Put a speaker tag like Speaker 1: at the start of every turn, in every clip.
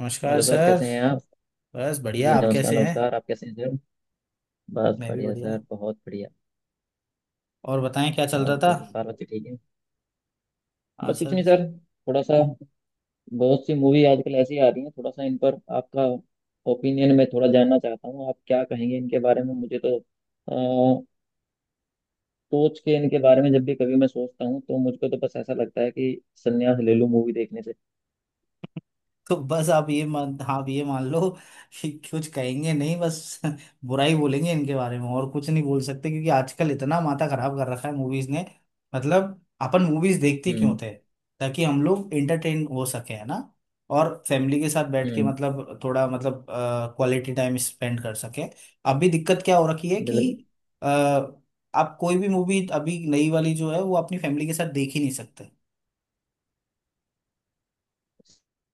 Speaker 1: नमस्कार
Speaker 2: hello sir,
Speaker 1: sir.
Speaker 2: कैसे हैं आप।
Speaker 1: बस
Speaker 2: जी
Speaker 1: बढ़िया। आप
Speaker 2: नमस्कार,
Speaker 1: कैसे हैं?
Speaker 2: नमस्कार, आप कैसे हैं सर। बस
Speaker 1: मैं भी
Speaker 2: बढ़िया
Speaker 1: बढ़िया।
Speaker 2: सर, बहुत बढ़िया।
Speaker 1: और बताएं क्या चल
Speaker 2: और
Speaker 1: रहा था।
Speaker 2: बताइए, बाल बच्चे ठीक है।
Speaker 1: हाँ
Speaker 2: बस कुछ
Speaker 1: सर।
Speaker 2: नहीं सर। थोड़ा सा। बहुत सी मूवी आजकल ऐसी आ रही हैं, थोड़ा सा इन पर आपका ओपिनियन मैं थोड़ा जानना चाहता हूँ, आप क्या कहेंगे इनके बारे में। मुझे तो अ, सोच के इनके बारे में जब भी कभी मैं सोचता हूँ तो मुझको तो बस ऐसा लगता है कि संन्यास ले लूँ मूवी देखने से।
Speaker 1: तो बस आप ये मान लो कि कुछ कहेंगे नहीं, बस बुराई बोलेंगे इनके बारे में और कुछ नहीं बोल सकते, क्योंकि आजकल इतना माथा खराब कर रखा है मूवीज ने। मतलब अपन मूवीज देखते क्यों
Speaker 2: हम्म।
Speaker 1: थे? ताकि हम लोग एंटरटेन हो सके है ना? और फैमिली के साथ बैठ के
Speaker 2: हम्म।
Speaker 1: मतलब थोड़ा मतलब क्वालिटी टाइम स्पेंड कर सके अभी दिक्कत क्या हो रखी है
Speaker 2: बिल्कुल।
Speaker 1: कि अ, आप कोई भी मूवी अभी नई वाली जो है वो अपनी फैमिली के साथ देख ही नहीं सकते।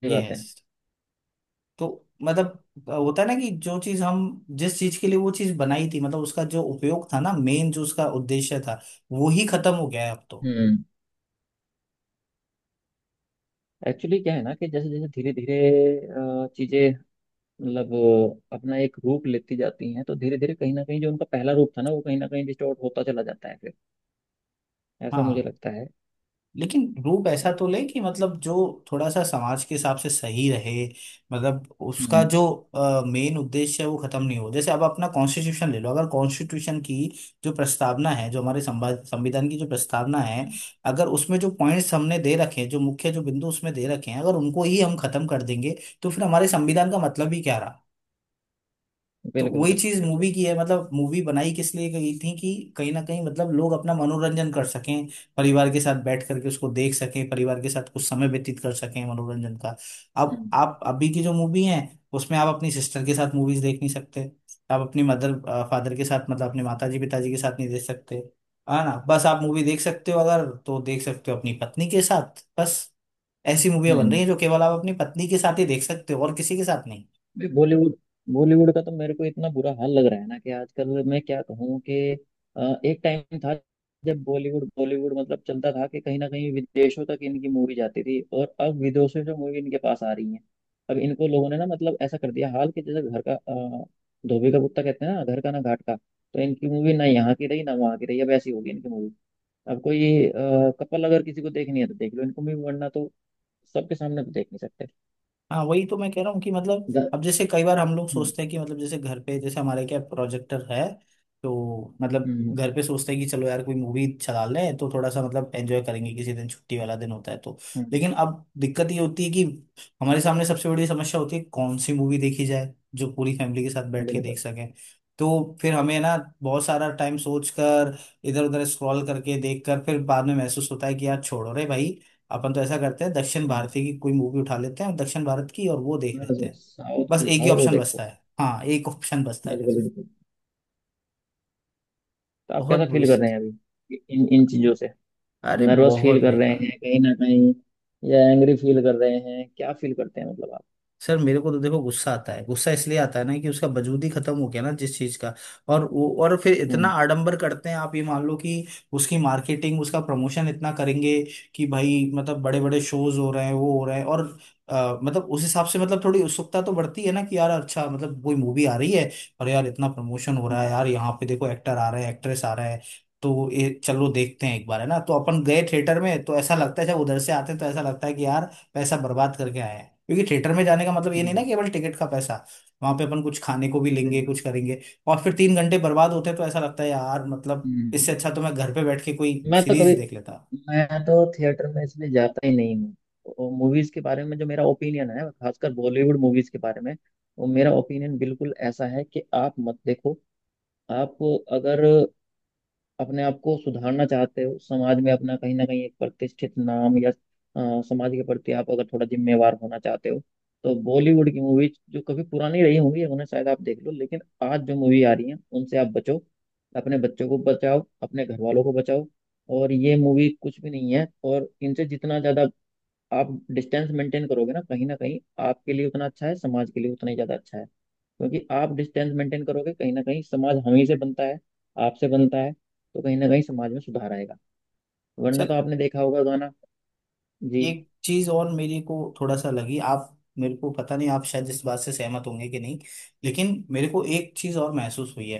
Speaker 2: सही
Speaker 1: ये
Speaker 2: बात
Speaker 1: है।
Speaker 2: है।
Speaker 1: तो मतलब होता है ना कि जो चीज हम जिस चीज के लिए वो चीज बनाई थी, मतलब उसका जो उपयोग था ना, मेन जो उसका उद्देश्य था, वो ही खत्म हो गया है अब तो।
Speaker 2: हम्म। एक्चुअली क्या है ना कि जैसे जैसे धीरे धीरे चीजें मतलब अपना एक रूप लेती जाती हैं तो धीरे धीरे कहीं ना कहीं जो उनका पहला रूप था ना वो कहीं ना कहीं डिस्टॉर्ट होता चला जाता है फिर, ऐसा मुझे
Speaker 1: हाँ।
Speaker 2: लगता है।
Speaker 1: लेकिन रूप
Speaker 2: है
Speaker 1: ऐसा
Speaker 2: ना?
Speaker 1: तो ले कि मतलब जो थोड़ा सा समाज के हिसाब से सही रहे। मतलब उसका
Speaker 2: हम्म।
Speaker 1: जो मेन उद्देश्य है वो खत्म नहीं हो। जैसे अब अपना कॉन्स्टिट्यूशन ले लो, अगर कॉन्स्टिट्यूशन की जो प्रस्तावना है, जो हमारे संविधान की जो प्रस्तावना है,
Speaker 2: हम्म,
Speaker 1: अगर उसमें जो पॉइंट्स हमने दे रखे हैं, जो मुख्य जो बिंदु उसमें दे रखे हैं, अगर उनको ही हम खत्म कर देंगे तो फिर हमारे संविधान का मतलब ही क्या रहा? तो
Speaker 2: बिल्कुल
Speaker 1: वही
Speaker 2: बिल्कुल
Speaker 1: चीज
Speaker 2: बिल्कुल।
Speaker 1: मूवी की है। मतलब मूवी बनाई किस लिए गई थी कि कहीं ना कहीं मतलब लोग अपना मनोरंजन कर सकें, परिवार के साथ बैठ करके उसको देख सकें, परिवार के साथ कुछ समय व्यतीत कर सकें मनोरंजन का। अब
Speaker 2: हम्म।
Speaker 1: आप अभी की जो मूवी है, उसमें आप अपनी सिस्टर के साथ मूवीज देख नहीं सकते। आप अपनी मदर फादर के साथ, मतलब अपने माताजी पिताजी के साथ नहीं देख सकते। है ना? बस आप मूवी देख सकते हो, अगर तो देख सकते हो अपनी पत्नी के साथ बस। ऐसी मूवियां बन रही
Speaker 2: हम्म।
Speaker 1: हैं जो केवल आप अपनी पत्नी के साथ ही देख सकते हो और किसी के साथ नहीं।
Speaker 2: भाई बॉलीवुड बॉलीवुड का तो मेरे को इतना बुरा हाल लग रहा है ना, कि आजकल मैं क्या कहूँ कि एक टाइम था जब बॉलीवुड बॉलीवुड मतलब चलता था, कि कहीं ना कहीं विदेशों तक इनकी मूवी जाती थी और अब विदेशों से मूवी इनके पास आ रही है। अब इनको लोगों ने ना मतलब ऐसा कर दिया हाल कि जैसे घर का धोबी का कुत्ता कहते हैं ना, घर का ना घाट का। तो इनकी मूवी ना यहाँ की रही ना वहाँ की रही, अब ऐसी होगी इनकी मूवी। अब कोई कपल अगर किसी को देखनी है तो देख लो इनको मूवी, वरना तो सबके सामने तो देख नहीं सकते।
Speaker 1: हाँ, वही तो मैं कह रहा हूँ कि मतलब
Speaker 2: द-
Speaker 1: अब जैसे कई बार हम लोग
Speaker 2: हम्म।
Speaker 1: सोचते हैं कि मतलब जैसे घर पे, जैसे हमारे क्या प्रोजेक्टर है तो मतलब
Speaker 2: हम्म।
Speaker 1: घर पे सोचते हैं कि चलो यार कोई मूवी चला लें तो थोड़ा सा मतलब एंजॉय करेंगे, किसी दिन छुट्टी वाला दिन होता है तो।
Speaker 2: हम्म,
Speaker 1: लेकिन अब दिक्कत ये होती है कि हमारे सामने सबसे बड़ी समस्या होती है कौन सी मूवी देखी जाए जो पूरी फैमिली के साथ बैठ के देख
Speaker 2: बिल्कुल।
Speaker 1: सकें। तो फिर हमें ना बहुत सारा टाइम सोच कर इधर उधर स्क्रॉल करके देख कर फिर बाद में महसूस होता है कि यार छोड़ो रे भाई, अपन तो ऐसा करते हैं, दक्षिण भारतीय की कोई मूवी उठा लेते हैं दक्षिण भारत की और वो देख लेते हैं।
Speaker 2: साउथ
Speaker 1: बस
Speaker 2: की
Speaker 1: एक ही
Speaker 2: उठाओ, वो
Speaker 1: ऑप्शन
Speaker 2: देखो।
Speaker 1: बचता है, हाँ एक ऑप्शन बचता है फिर।
Speaker 2: बिल्कुल बिल्कुल। तो आप
Speaker 1: बहुत
Speaker 2: कैसा
Speaker 1: बुरी
Speaker 2: फील कर रहे
Speaker 1: स्थिति।
Speaker 2: हैं अभी इन इन चीजों से।
Speaker 1: अरे
Speaker 2: नर्वस फील
Speaker 1: बहुत
Speaker 2: कर रहे
Speaker 1: बेकार।
Speaker 2: हैं कहीं ना कहीं, या एंग्री फील कर रहे हैं, क्या फील करते हैं मतलब आप।
Speaker 1: सर मेरे को तो देखो गुस्सा आता है। गुस्सा इसलिए आता है ना कि उसका वजूद ही खत्म हो गया ना, जिस चीज का। और वो और फिर इतना
Speaker 2: हम्म।
Speaker 1: आडंबर करते हैं, आप ये मान लो कि उसकी मार्केटिंग, उसका प्रमोशन इतना करेंगे कि भाई मतलब बड़े बड़े शोज हो रहे हैं, वो हो रहे हैं और मतलब उस हिसाब से मतलब थोड़ी उत्सुकता तो बढ़ती है ना कि यार अच्छा, मतलब कोई मूवी आ रही है और यार इतना प्रमोशन हो रहा है,
Speaker 2: हम्म।
Speaker 1: यार यहाँ पे देखो एक्टर आ रहे हैं एक्ट्रेस आ रहे हैं। तो ये चलो देखते हैं एक बार, है ना? तो अपन गए थिएटर में तो ऐसा लगता है, जब उधर से आते हैं तो ऐसा लगता है कि यार पैसा बर्बाद करके आए हैं, क्योंकि थिएटर में जाने का मतलब ये नहीं ना,
Speaker 2: हम्म,
Speaker 1: केवल टिकट का पैसा, वहां पे अपन कुछ खाने को भी
Speaker 2: सही
Speaker 1: लेंगे कुछ
Speaker 2: बात।
Speaker 1: करेंगे। और फिर तीन घंटे बर्बाद होते हैं तो ऐसा लगता है यार मतलब
Speaker 2: हम्म।
Speaker 1: इससे अच्छा तो मैं घर पे बैठ के कोई
Speaker 2: मैं तो
Speaker 1: सीरीज
Speaker 2: कभी
Speaker 1: देख लेता।
Speaker 2: मैं तो थिएटर में इसलिए जाता ही नहीं हूँ। मूवीज के बारे में जो मेरा ओपिनियन है, खासकर बॉलीवुड मूवीज के बारे में, वो मेरा ओपिनियन बिल्कुल ऐसा है कि आप मत देखो। आप अगर अपने आप को सुधारना चाहते हो, समाज में अपना कहीं ना कहीं एक प्रतिष्ठित नाम, या समाज के प्रति आप अगर थोड़ा जिम्मेवार होना चाहते हो, तो बॉलीवुड की मूवीज जो कभी पुरानी रही होंगी उन्हें शायद आप देख लो, लेकिन आज जो मूवी आ रही है उनसे आप बचो। अपने बच्चों को बचाओ, अपने घर वालों को बचाओ, और ये मूवी कुछ भी नहीं है। और इनसे जितना ज्यादा आप डिस्टेंस मेंटेन करोगे ना कहीं ना कहीं, आपके लिए उतना अच्छा है, समाज के लिए उतना ही ज्यादा अच्छा है। क्योंकि आप डिस्टेंस मेंटेन करोगे कहीं ना कहीं, समाज हम ही से बनता है, आपसे बनता है, तो कहीं ना कहीं समाज में सुधार आएगा। वरना तो आपने देखा होगा गाना। जी।
Speaker 1: एक चीज और मेरे को थोड़ा सा लगी, आप, मेरे को पता नहीं आप शायद इस बात से सहमत होंगे कि नहीं, लेकिन मेरे को एक चीज और महसूस हुई है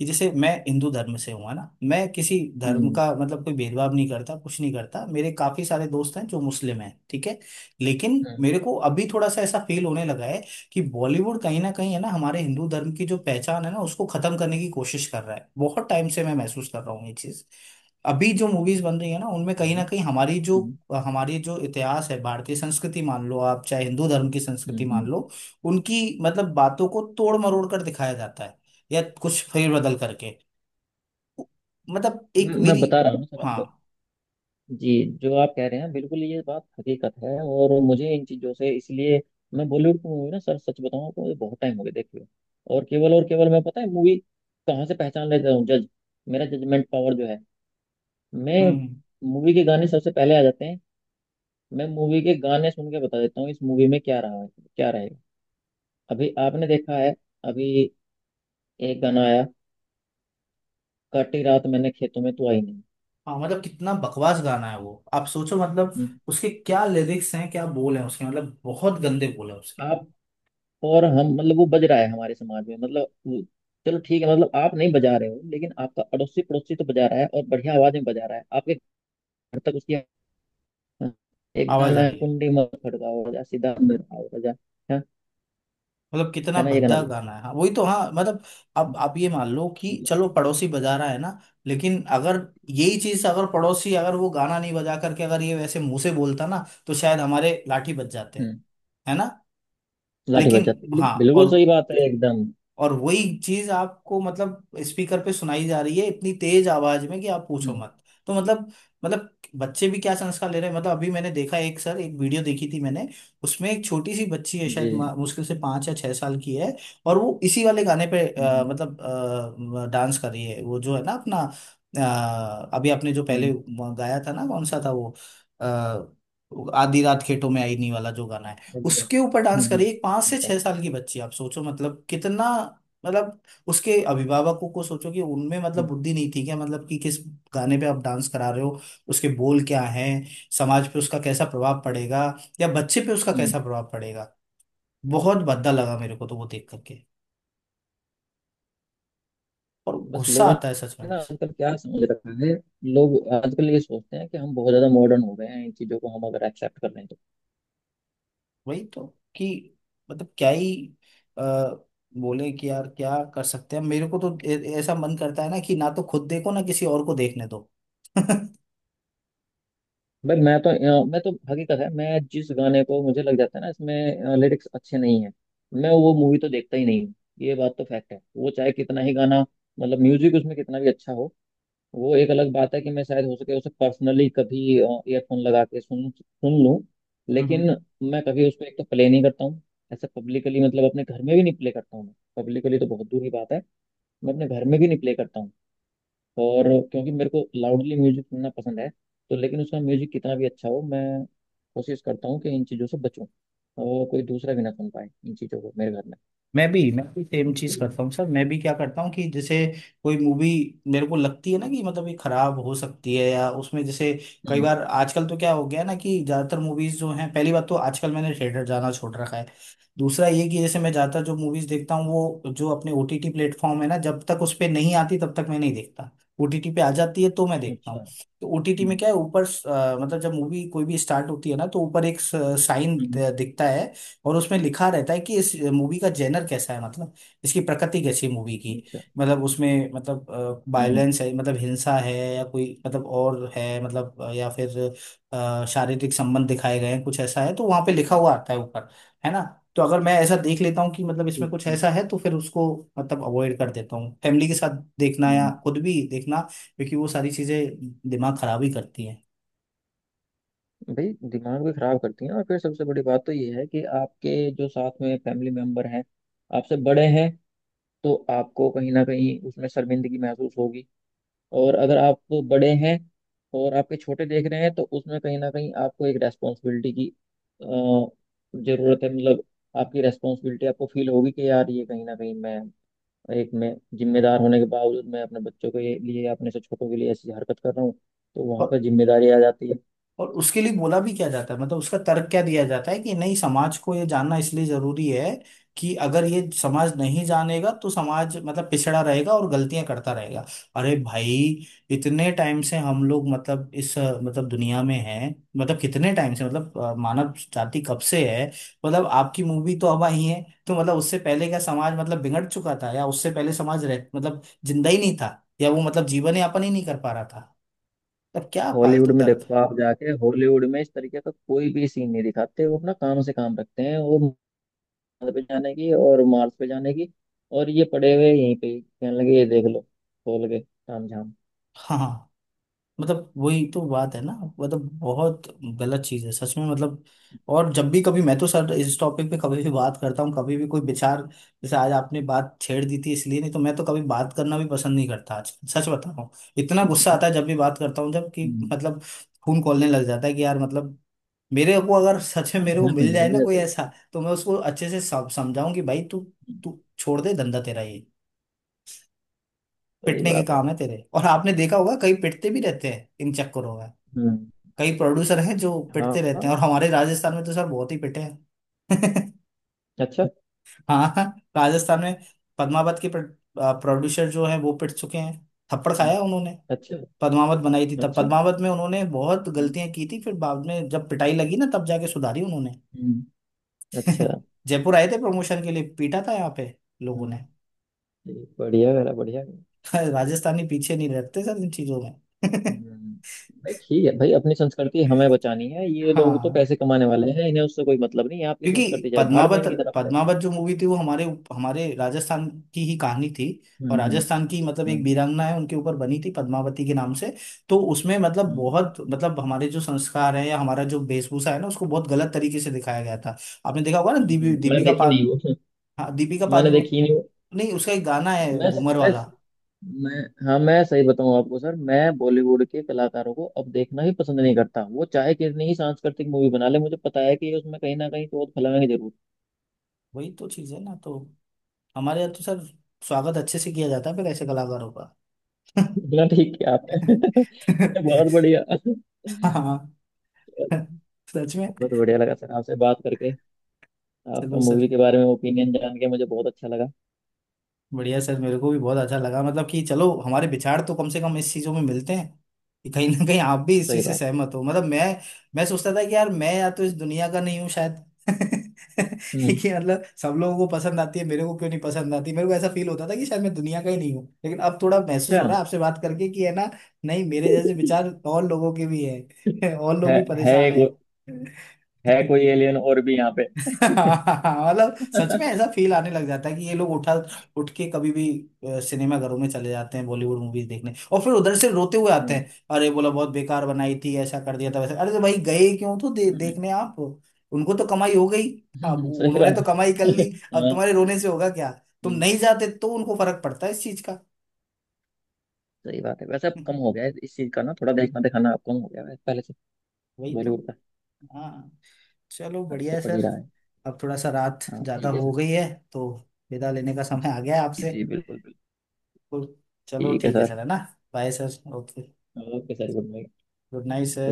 Speaker 1: कि जैसे मैं हिंदू धर्म से हूँ, है ना? मैं किसी धर्म
Speaker 2: हम्म।
Speaker 1: का मतलब कोई भेदभाव नहीं करता, कुछ नहीं करता। मेरे काफी सारे दोस्त हैं जो मुस्लिम हैं, ठीक है। लेकिन
Speaker 2: हम्म।
Speaker 1: मेरे को अभी थोड़ा सा ऐसा फील होने लगा है कि बॉलीवुड कहीं ना कहीं है ना हमारे हिंदू धर्म की जो पहचान है ना उसको खत्म करने की कोशिश कर रहा है, बहुत टाइम से मैं महसूस कर रहा हूँ ये चीज। अभी जो मूवीज बन रही है ना उनमें कहीं ना कहीं
Speaker 2: हम्म।
Speaker 1: हमारी जो इतिहास है, भारतीय संस्कृति मान लो आप, चाहे हिंदू धर्म की संस्कृति
Speaker 2: हम्म।
Speaker 1: मान
Speaker 2: हम्म।
Speaker 1: लो, उनकी मतलब बातों को तोड़ मरोड़ कर दिखाया जाता है, या कुछ फेर बदल करके। मतलब एक
Speaker 2: मैं
Speaker 1: मेरी।
Speaker 2: बता रहा हूँ सर
Speaker 1: हाँ।
Speaker 2: आपको। जी, जो आप कह रहे हैं बिल्कुल ये बात हकीकत है, और मुझे इन चीज़ों से इसलिए मैं बॉलीवुड की मूवी ना सर सच बताऊं आपको ये बहुत टाइम हो गया देखे हुए। और केवल और केवल, मैं पता है मूवी कहाँ से पहचान लेता हूँ, जज मेरा जजमेंट पावर जो है। मैं
Speaker 1: हम्म।
Speaker 2: मूवी के गाने सबसे पहले आ जाते हैं। मैं मूवी के गाने सुन के बता देता हूँ इस मूवी में क्या रहा है, क्या रहेगा। अभी आपने देखा है, अभी एक गाना आया, काटी रात मैंने खेतों में तू आई नहीं।
Speaker 1: हाँ। मतलब कितना बकवास गाना है वो, आप सोचो मतलब
Speaker 2: हम्म।
Speaker 1: उसके क्या लिरिक्स हैं, क्या बोल हैं उसके, मतलब बहुत गंदे बोल हैं उसके।
Speaker 2: आप और हम मतलब वो बज रहा है हमारे समाज में, मतलब चलो ठीक है, मतलब आप नहीं बजा रहे हो, लेकिन आपका अड़ोसी पड़ोसी तो बजा रहा है, और बढ़िया आवाज में बजा रहा है, आपके घर तक उसकी हाँ, एक
Speaker 1: आवाज
Speaker 2: गाना
Speaker 1: आ
Speaker 2: है,
Speaker 1: रही है।
Speaker 2: कुंडी मत खड़काओ राजा, सीधा अंदर आओ राजा। है
Speaker 1: मतलब कितना
Speaker 2: है ना, ये गाना
Speaker 1: भद्दा
Speaker 2: भी।
Speaker 1: गाना है, हाँ वही तो, हाँ मतलब। अब आप ये मान लो कि चलो पड़ोसी बजा रहा है ना, लेकिन अगर यही चीज अगर पड़ोसी अगर वो गाना नहीं बजा करके अगर ये वैसे मुंह से बोलता ना तो शायद हमारे लाठी बज जाते हैं,
Speaker 2: हम्म।
Speaker 1: है ना?
Speaker 2: लाठी बज
Speaker 1: लेकिन
Speaker 2: जाती है। बिल्कुल
Speaker 1: हाँ,
Speaker 2: बिल्कुल
Speaker 1: और
Speaker 2: सही बात है एकदम।
Speaker 1: वही चीज आपको मतलब स्पीकर पे सुनाई जा रही है इतनी तेज आवाज में कि आप पूछो
Speaker 2: हम्म।
Speaker 1: मत। तो मतलब मतलब बच्चे भी क्या संस्कार ले रहे हैं, मतलब अभी मैंने देखा एक सर, एक वीडियो देखी थी मैंने, उसमें एक छोटी सी बच्ची है शायद
Speaker 2: जी।
Speaker 1: मुश्किल से पाँच या छह साल की है। और वो इसी वाले गाने पे
Speaker 2: हम्म।
Speaker 1: मतलब डांस कर रही है, वो जो है ना अपना, अभी आपने जो पहले
Speaker 2: हम्म।
Speaker 1: गाया था ना, कौन सा था वो, आ, आधी रात खेतों में आईनी वाला जो गाना है,
Speaker 2: हम्म।
Speaker 1: उसके ऊपर
Speaker 2: हम्म,
Speaker 1: डांस कर रही है एक पांच
Speaker 2: हम्म,
Speaker 1: से छह
Speaker 2: बताओ।
Speaker 1: साल की बच्ची, आप सोचो मतलब कितना। मतलब उसके अभिभावकों को सोचो कि उनमें मतलब बुद्धि नहीं थी क्या, मतलब कि किस गाने पे आप डांस करा रहे हो? उसके बोल क्या हैं? समाज पे उसका कैसा प्रभाव पड़ेगा या बच्चे पे उसका कैसा
Speaker 2: हम्म,
Speaker 1: प्रभाव पड़ेगा? बहुत भद्दा लगा मेरे को तो वो देख करके, और
Speaker 2: बस
Speaker 1: गुस्सा
Speaker 2: लोगों
Speaker 1: आता है सच में।
Speaker 2: ने ना आजकल क्या समझ रखा है। लोग आजकल ये सोचते हैं कि हम बहुत ज्यादा मॉडर्न हो गए हैं, इन चीजों को हम अगर एक्सेप्ट कर लें तो
Speaker 1: वही तो, कि मतलब क्या ही आ, बोले कि यार क्या कर सकते हैं, मेरे को तो ऐसा मन करता है ना कि ना तो खुद देखो ना किसी और को देखने दो।
Speaker 2: भाई मैं तो हकीकत है, मैं जिस गाने को मुझे लग जाता है ना इसमें लिरिक्स अच्छे नहीं है, मैं वो मूवी तो देखता ही नहीं हूँ। ये बात तो फैक्ट है। वो चाहे कितना ही गाना मतलब म्यूजिक उसमें कितना भी अच्छा हो, वो एक अलग बात है कि मैं शायद हो सके उसे पर्सनली कभी ईयरफोन लगा के सुन सुन लूं, लेकिन
Speaker 1: हम्म।
Speaker 2: मैं कभी उसको एक तो प्ले नहीं करता हूँ। ऐसा पब्लिकली मतलब अपने घर में भी नहीं प्ले करता हूँ मैं, पब्लिकली तो बहुत दूर की बात है, मैं अपने घर में भी नहीं प्ले करता हूँ। और क्योंकि मेरे को लाउडली म्यूजिक सुनना पसंद है, तो लेकिन उसका म्यूजिक कितना भी अच्छा हो मैं कोशिश करता हूँ कि इन चीज़ों से बचूं, और कोई दूसरा भी ना सुन पाए इन चीज़ों को मेरे घर में।
Speaker 1: मैं भी सेम चीज
Speaker 2: हम्म।
Speaker 1: करता हूँ सर, मैं भी क्या करता हूँ कि जैसे कोई मूवी मेरे को लगती है ना कि मतलब ये खराब हो सकती है या उसमें जैसे, कई
Speaker 2: हम्म,
Speaker 1: बार आजकल तो क्या हो गया है ना कि ज्यादातर मूवीज जो हैं, पहली बात तो आजकल मैंने थिएटर जाना छोड़ रखा है। दूसरा ये कि जैसे मैं ज्यादातर जो मूवीज देखता हूँ, वो जो अपने ओटीटी प्लेटफॉर्म है ना, जब तक उस पे नहीं आती तब तक मैं नहीं देखता। ओटीटी पे आ जाती है तो मैं देखता
Speaker 2: अच्छा।
Speaker 1: हूँ। तो ओटीटी में
Speaker 2: हम्म।
Speaker 1: क्या है, ऊपर मतलब जब मूवी कोई भी स्टार्ट होती है ना तो ऊपर एक साइन
Speaker 2: हम्म,
Speaker 1: दिखता है, और उसमें लिखा रहता है कि इस मूवी का जेनर कैसा है, मतलब इसकी प्रकृति कैसी है मूवी की।
Speaker 2: अच्छा।
Speaker 1: मतलब उसमें मतलब
Speaker 2: हम्म।
Speaker 1: वायलेंस है, मतलब हिंसा है, या कोई मतलब और है, मतलब या फिर शारीरिक संबंध दिखाए गए हैं, कुछ ऐसा है तो वहां पे लिखा
Speaker 2: हम्म।
Speaker 1: हुआ आता है ऊपर, है ना? तो अगर मैं ऐसा देख लेता हूँ कि मतलब इसमें कुछ
Speaker 2: हम्म,
Speaker 1: ऐसा है, तो फिर उसको मतलब अवॉइड कर देता हूँ, फैमिली के साथ देखना या
Speaker 2: हम्म।
Speaker 1: खुद भी देखना, क्योंकि वो सारी चीजें दिमाग खराब ही करती
Speaker 2: भाई दिमाग भी खराब करती हैं, और फिर सबसे बड़ी बात तो ये है कि आपके जो साथ में फैमिली मेंबर हैं आपसे बड़े हैं, तो आपको कहीं ना कहीं उसमें शर्मिंदगी महसूस होगी। और अगर आप बड़े हैं और आपके छोटे देख रहे हैं, तो उसमें कहीं ना कहीं आपको एक रेस्पॉन्सिबिलिटी की अ, जरूरत है, मतलब आपकी रेस्पॉन्सिबिलिटी आपको फील होगी कि यार ये कहीं ना कहीं मैं एक मैं जिम्मेदार होने के बावजूद मैं अपने बच्चों के लिए, अपने से छोटों के लिए ऐसी हरकत कर रहा हूँ, तो वहां
Speaker 1: हैं।
Speaker 2: पर जिम्मेदारी आ जाती है।
Speaker 1: और उसके लिए बोला भी क्या जाता है, मतलब उसका तर्क क्या दिया जाता है कि नहीं समाज को ये जानना इसलिए जरूरी है कि अगर ये समाज नहीं जानेगा तो समाज मतलब पिछड़ा रहेगा और गलतियां करता रहेगा। अरे भाई, इतने टाइम से हम लोग मतलब इस मतलब दुनिया में हैं, मतलब कितने टाइम से, मतलब मानव जाति कब से है। मतलब आपकी मूवी तो अब आई है, तो मतलब उससे पहले क्या समाज मतलब बिगड़ चुका था, या उससे पहले समाज रह मतलब जिंदा ही नहीं था, या वो मतलब जीवन यापन ही नहीं कर पा रहा था? तब क्या
Speaker 2: हॉलीवुड
Speaker 1: फालतू
Speaker 2: में
Speaker 1: तर्क।
Speaker 2: देखो आप जाके, हॉलीवुड में इस तरीके का कोई भी सीन नहीं दिखाते, वो अपना काम से काम रखते हैं। वो मार्स पे जाने की और मार्स पे जाने की, और ये पड़े हुए यहीं पे ही, कहने लगे ये देख लो खोल के ताम झाम।
Speaker 1: हाँ हाँ। मतलब वही तो बात है ना, मतलब बहुत गलत चीज है सच में। मतलब और जब भी कभी मैं तो सर इस टॉपिक पे कभी भी बात करता हूँ, कभी भी कोई विचार, जैसे आज आपने बात छेड़ दी थी, इसलिए, नहीं तो मैं तो कभी बात करना भी पसंद नहीं करता, आज सच बता रहा हूँ। इतना गुस्सा आता है जब भी बात करता हूँ, जब कि
Speaker 2: हम्म,
Speaker 1: मतलब खून खौलने लग जाता है कि यार मतलब मेरे को अगर सच में
Speaker 2: हाँ,
Speaker 1: मेरे को
Speaker 2: है तो
Speaker 1: मिल
Speaker 2: मेरा
Speaker 1: जाए ना
Speaker 2: भी
Speaker 1: कोई
Speaker 2: ऐसा ही।
Speaker 1: ऐसा, तो मैं उसको अच्छे से समझाऊं कि भाई तू
Speaker 2: हम्म,
Speaker 1: तू छोड़ दे धंधा तेरा ये,
Speaker 2: सही
Speaker 1: पिटने के
Speaker 2: बात है।
Speaker 1: काम है तेरे। और आपने देखा होगा कई पिटते भी रहते हैं इन चक्करों में।
Speaker 2: हम्म।
Speaker 1: कई प्रोड्यूसर हैं जो
Speaker 2: हाँ
Speaker 1: पिटते
Speaker 2: हाँ,
Speaker 1: रहते हैं, और हमारे राजस्थान में तो सर बहुत ही पिटे हैं।
Speaker 2: अच्छा।
Speaker 1: हाँ, राजस्थान में पद्मावत के प्रोड्यूसर जो है वो पिट चुके हैं। थप्पड़
Speaker 2: हम्म,
Speaker 1: खाया उन्होंने।
Speaker 2: अच्छा।
Speaker 1: पद्मावत बनाई थी तब
Speaker 2: अच्छा।
Speaker 1: पद्मावत में उन्होंने बहुत
Speaker 2: हम्म।
Speaker 1: गलतियां की थी, फिर बाद में जब पिटाई लगी ना, तब जाके सुधारी उन्होंने।
Speaker 2: हम्म, अच्छा।
Speaker 1: जयपुर आए थे प्रमोशन के लिए, पीटा था यहाँ पे लोगों
Speaker 2: हम्म,
Speaker 1: ने।
Speaker 2: ठीक, बढ़िया करा, बढ़िया।
Speaker 1: राजस्थानी पीछे नहीं रहते सर इन चीजों में।
Speaker 2: हम्म, भाई ठीक है भाई, अपनी संस्कृति हमें बचानी है, ये लोग तो
Speaker 1: हाँ,
Speaker 2: पैसे कमाने वाले हैं, इन्हें उससे कोई मतलब नहीं है, आपकी संस्कृति
Speaker 1: क्योंकि
Speaker 2: चाहे भाड़ में
Speaker 1: पद्मावत
Speaker 2: इनकी तरफ से।
Speaker 1: पद्मावत जो मूवी थी वो हमारे हमारे राजस्थान की ही कहानी थी। और
Speaker 2: हम्म।
Speaker 1: राजस्थान की मतलब एक
Speaker 2: हम्म।
Speaker 1: वीरांगना है, उनके ऊपर बनी थी पद्मावती के नाम से। तो उसमें मतलब
Speaker 2: हम्म।
Speaker 1: बहुत मतलब हमारे जो संस्कार है या हमारा जो वेशभूषा है ना उसको बहुत गलत तरीके से दिखाया गया था। आपने देखा होगा ना दीपी
Speaker 2: मैंने
Speaker 1: दीपिका
Speaker 2: देखी नहीं
Speaker 1: पाद,
Speaker 2: वो।
Speaker 1: हाँ, दीपिका
Speaker 2: मैंने
Speaker 1: पादु,
Speaker 2: देखी नहीं वो।
Speaker 1: नहीं उसका एक गाना है
Speaker 2: मैं
Speaker 1: घूमर
Speaker 2: मैं
Speaker 1: वाला।
Speaker 2: मैं हाँ, मैं सही बताऊं आपको सर, मैं बॉलीवुड के कलाकारों को अब देखना ही पसंद नहीं करता। वो चाहे कितनी ही सांस्कृतिक मूवी बना ले, मुझे पता है कि ये उसमें कहीं ना कहीं चोट फैलाएंगे जरूर।
Speaker 1: वही तो चीज है ना, तो हमारे यहाँ तो सर स्वागत अच्छे से किया जाता है फिर ऐसे कलाकारों का।
Speaker 2: बोला ठीक है आपने। बहुत बढ़िया,
Speaker 1: हाँ हाँ, सच में।
Speaker 2: बहुत बढ़िया लगा सर आपसे बात करके, आपका
Speaker 1: चलो सर,
Speaker 2: मूवी के बारे में ओपिनियन जान के मुझे बहुत अच्छा लगा।
Speaker 1: बढ़िया सर, मेरे को भी बहुत अच्छा लगा, मतलब कि चलो हमारे विचार तो कम से कम इस चीजों में मिलते हैं, कि कहीं ना कहीं आप भी इस
Speaker 2: सही
Speaker 1: चीज से
Speaker 2: बात।
Speaker 1: सहमत हो, मतलब मैं सोचता था कि यार मैं या तो इस दुनिया का नहीं हूँ शायद।
Speaker 2: हम्म।
Speaker 1: कि मतलब सब लोगों को पसंद आती है, मेरे को क्यों नहीं पसंद आती। मेरे को ऐसा फील होता था कि शायद मैं दुनिया का ही नहीं हूँ, लेकिन अब थोड़ा महसूस
Speaker 2: अच्छा।
Speaker 1: हो रहा है आपसे बात करके कि, है ना, नहीं मेरे जैसे विचार और लोगों के भी है। और लोग
Speaker 2: है।
Speaker 1: भी
Speaker 2: है
Speaker 1: परेशान है।
Speaker 2: एक- है कोई एलियन और भी यहाँ पे।
Speaker 1: मतलब सच में ऐसा फील आने लग जाता है कि ये लोग उठा उठ के कभी भी सिनेमा घरों में चले जाते हैं बॉलीवुड मूवीज देखने, और फिर उधर से रोते हुए आते
Speaker 2: हम्म,
Speaker 1: हैं। अरे, बोला बहुत बेकार बनाई थी, ऐसा कर दिया था वैसा। अरे तो भाई गए क्यों तो देखने आप, उनको तो कमाई हो गई। अब
Speaker 2: सही
Speaker 1: उन्होंने
Speaker 2: बात
Speaker 1: तो कमाई
Speaker 2: है।
Speaker 1: कर ली, अब
Speaker 2: हाँ,
Speaker 1: तुम्हारे रोने से होगा क्या? तुम
Speaker 2: हम्म,
Speaker 1: नहीं जाते तो उनको फर्क पड़ता है इस चीज का।
Speaker 2: सही बात है। वैसे अब कम हो गया है इस चीज का ना, थोड़ा देखना दिखाना अब कम हो गया है पहले से।
Speaker 1: वही तो।
Speaker 2: बॉलीवुड का
Speaker 1: हाँ, चलो
Speaker 2: फर्क
Speaker 1: बढ़िया
Speaker 2: तो
Speaker 1: है
Speaker 2: पड़ ही
Speaker 1: सर।
Speaker 2: रहा है।
Speaker 1: अब थोड़ा सा रात
Speaker 2: हाँ
Speaker 1: ज्यादा
Speaker 2: ठीक है
Speaker 1: हो
Speaker 2: सर।
Speaker 1: गई है, तो विदा लेने का समय आ गया है
Speaker 2: जी
Speaker 1: आपसे।
Speaker 2: जी, बिल्कुल बिल्कुल।
Speaker 1: चलो
Speaker 2: ठीक है
Speaker 1: ठीक है
Speaker 2: सर।
Speaker 1: सर, है ना? Bye sir. Okay,
Speaker 2: okay sir, good night.
Speaker 1: Good night sir.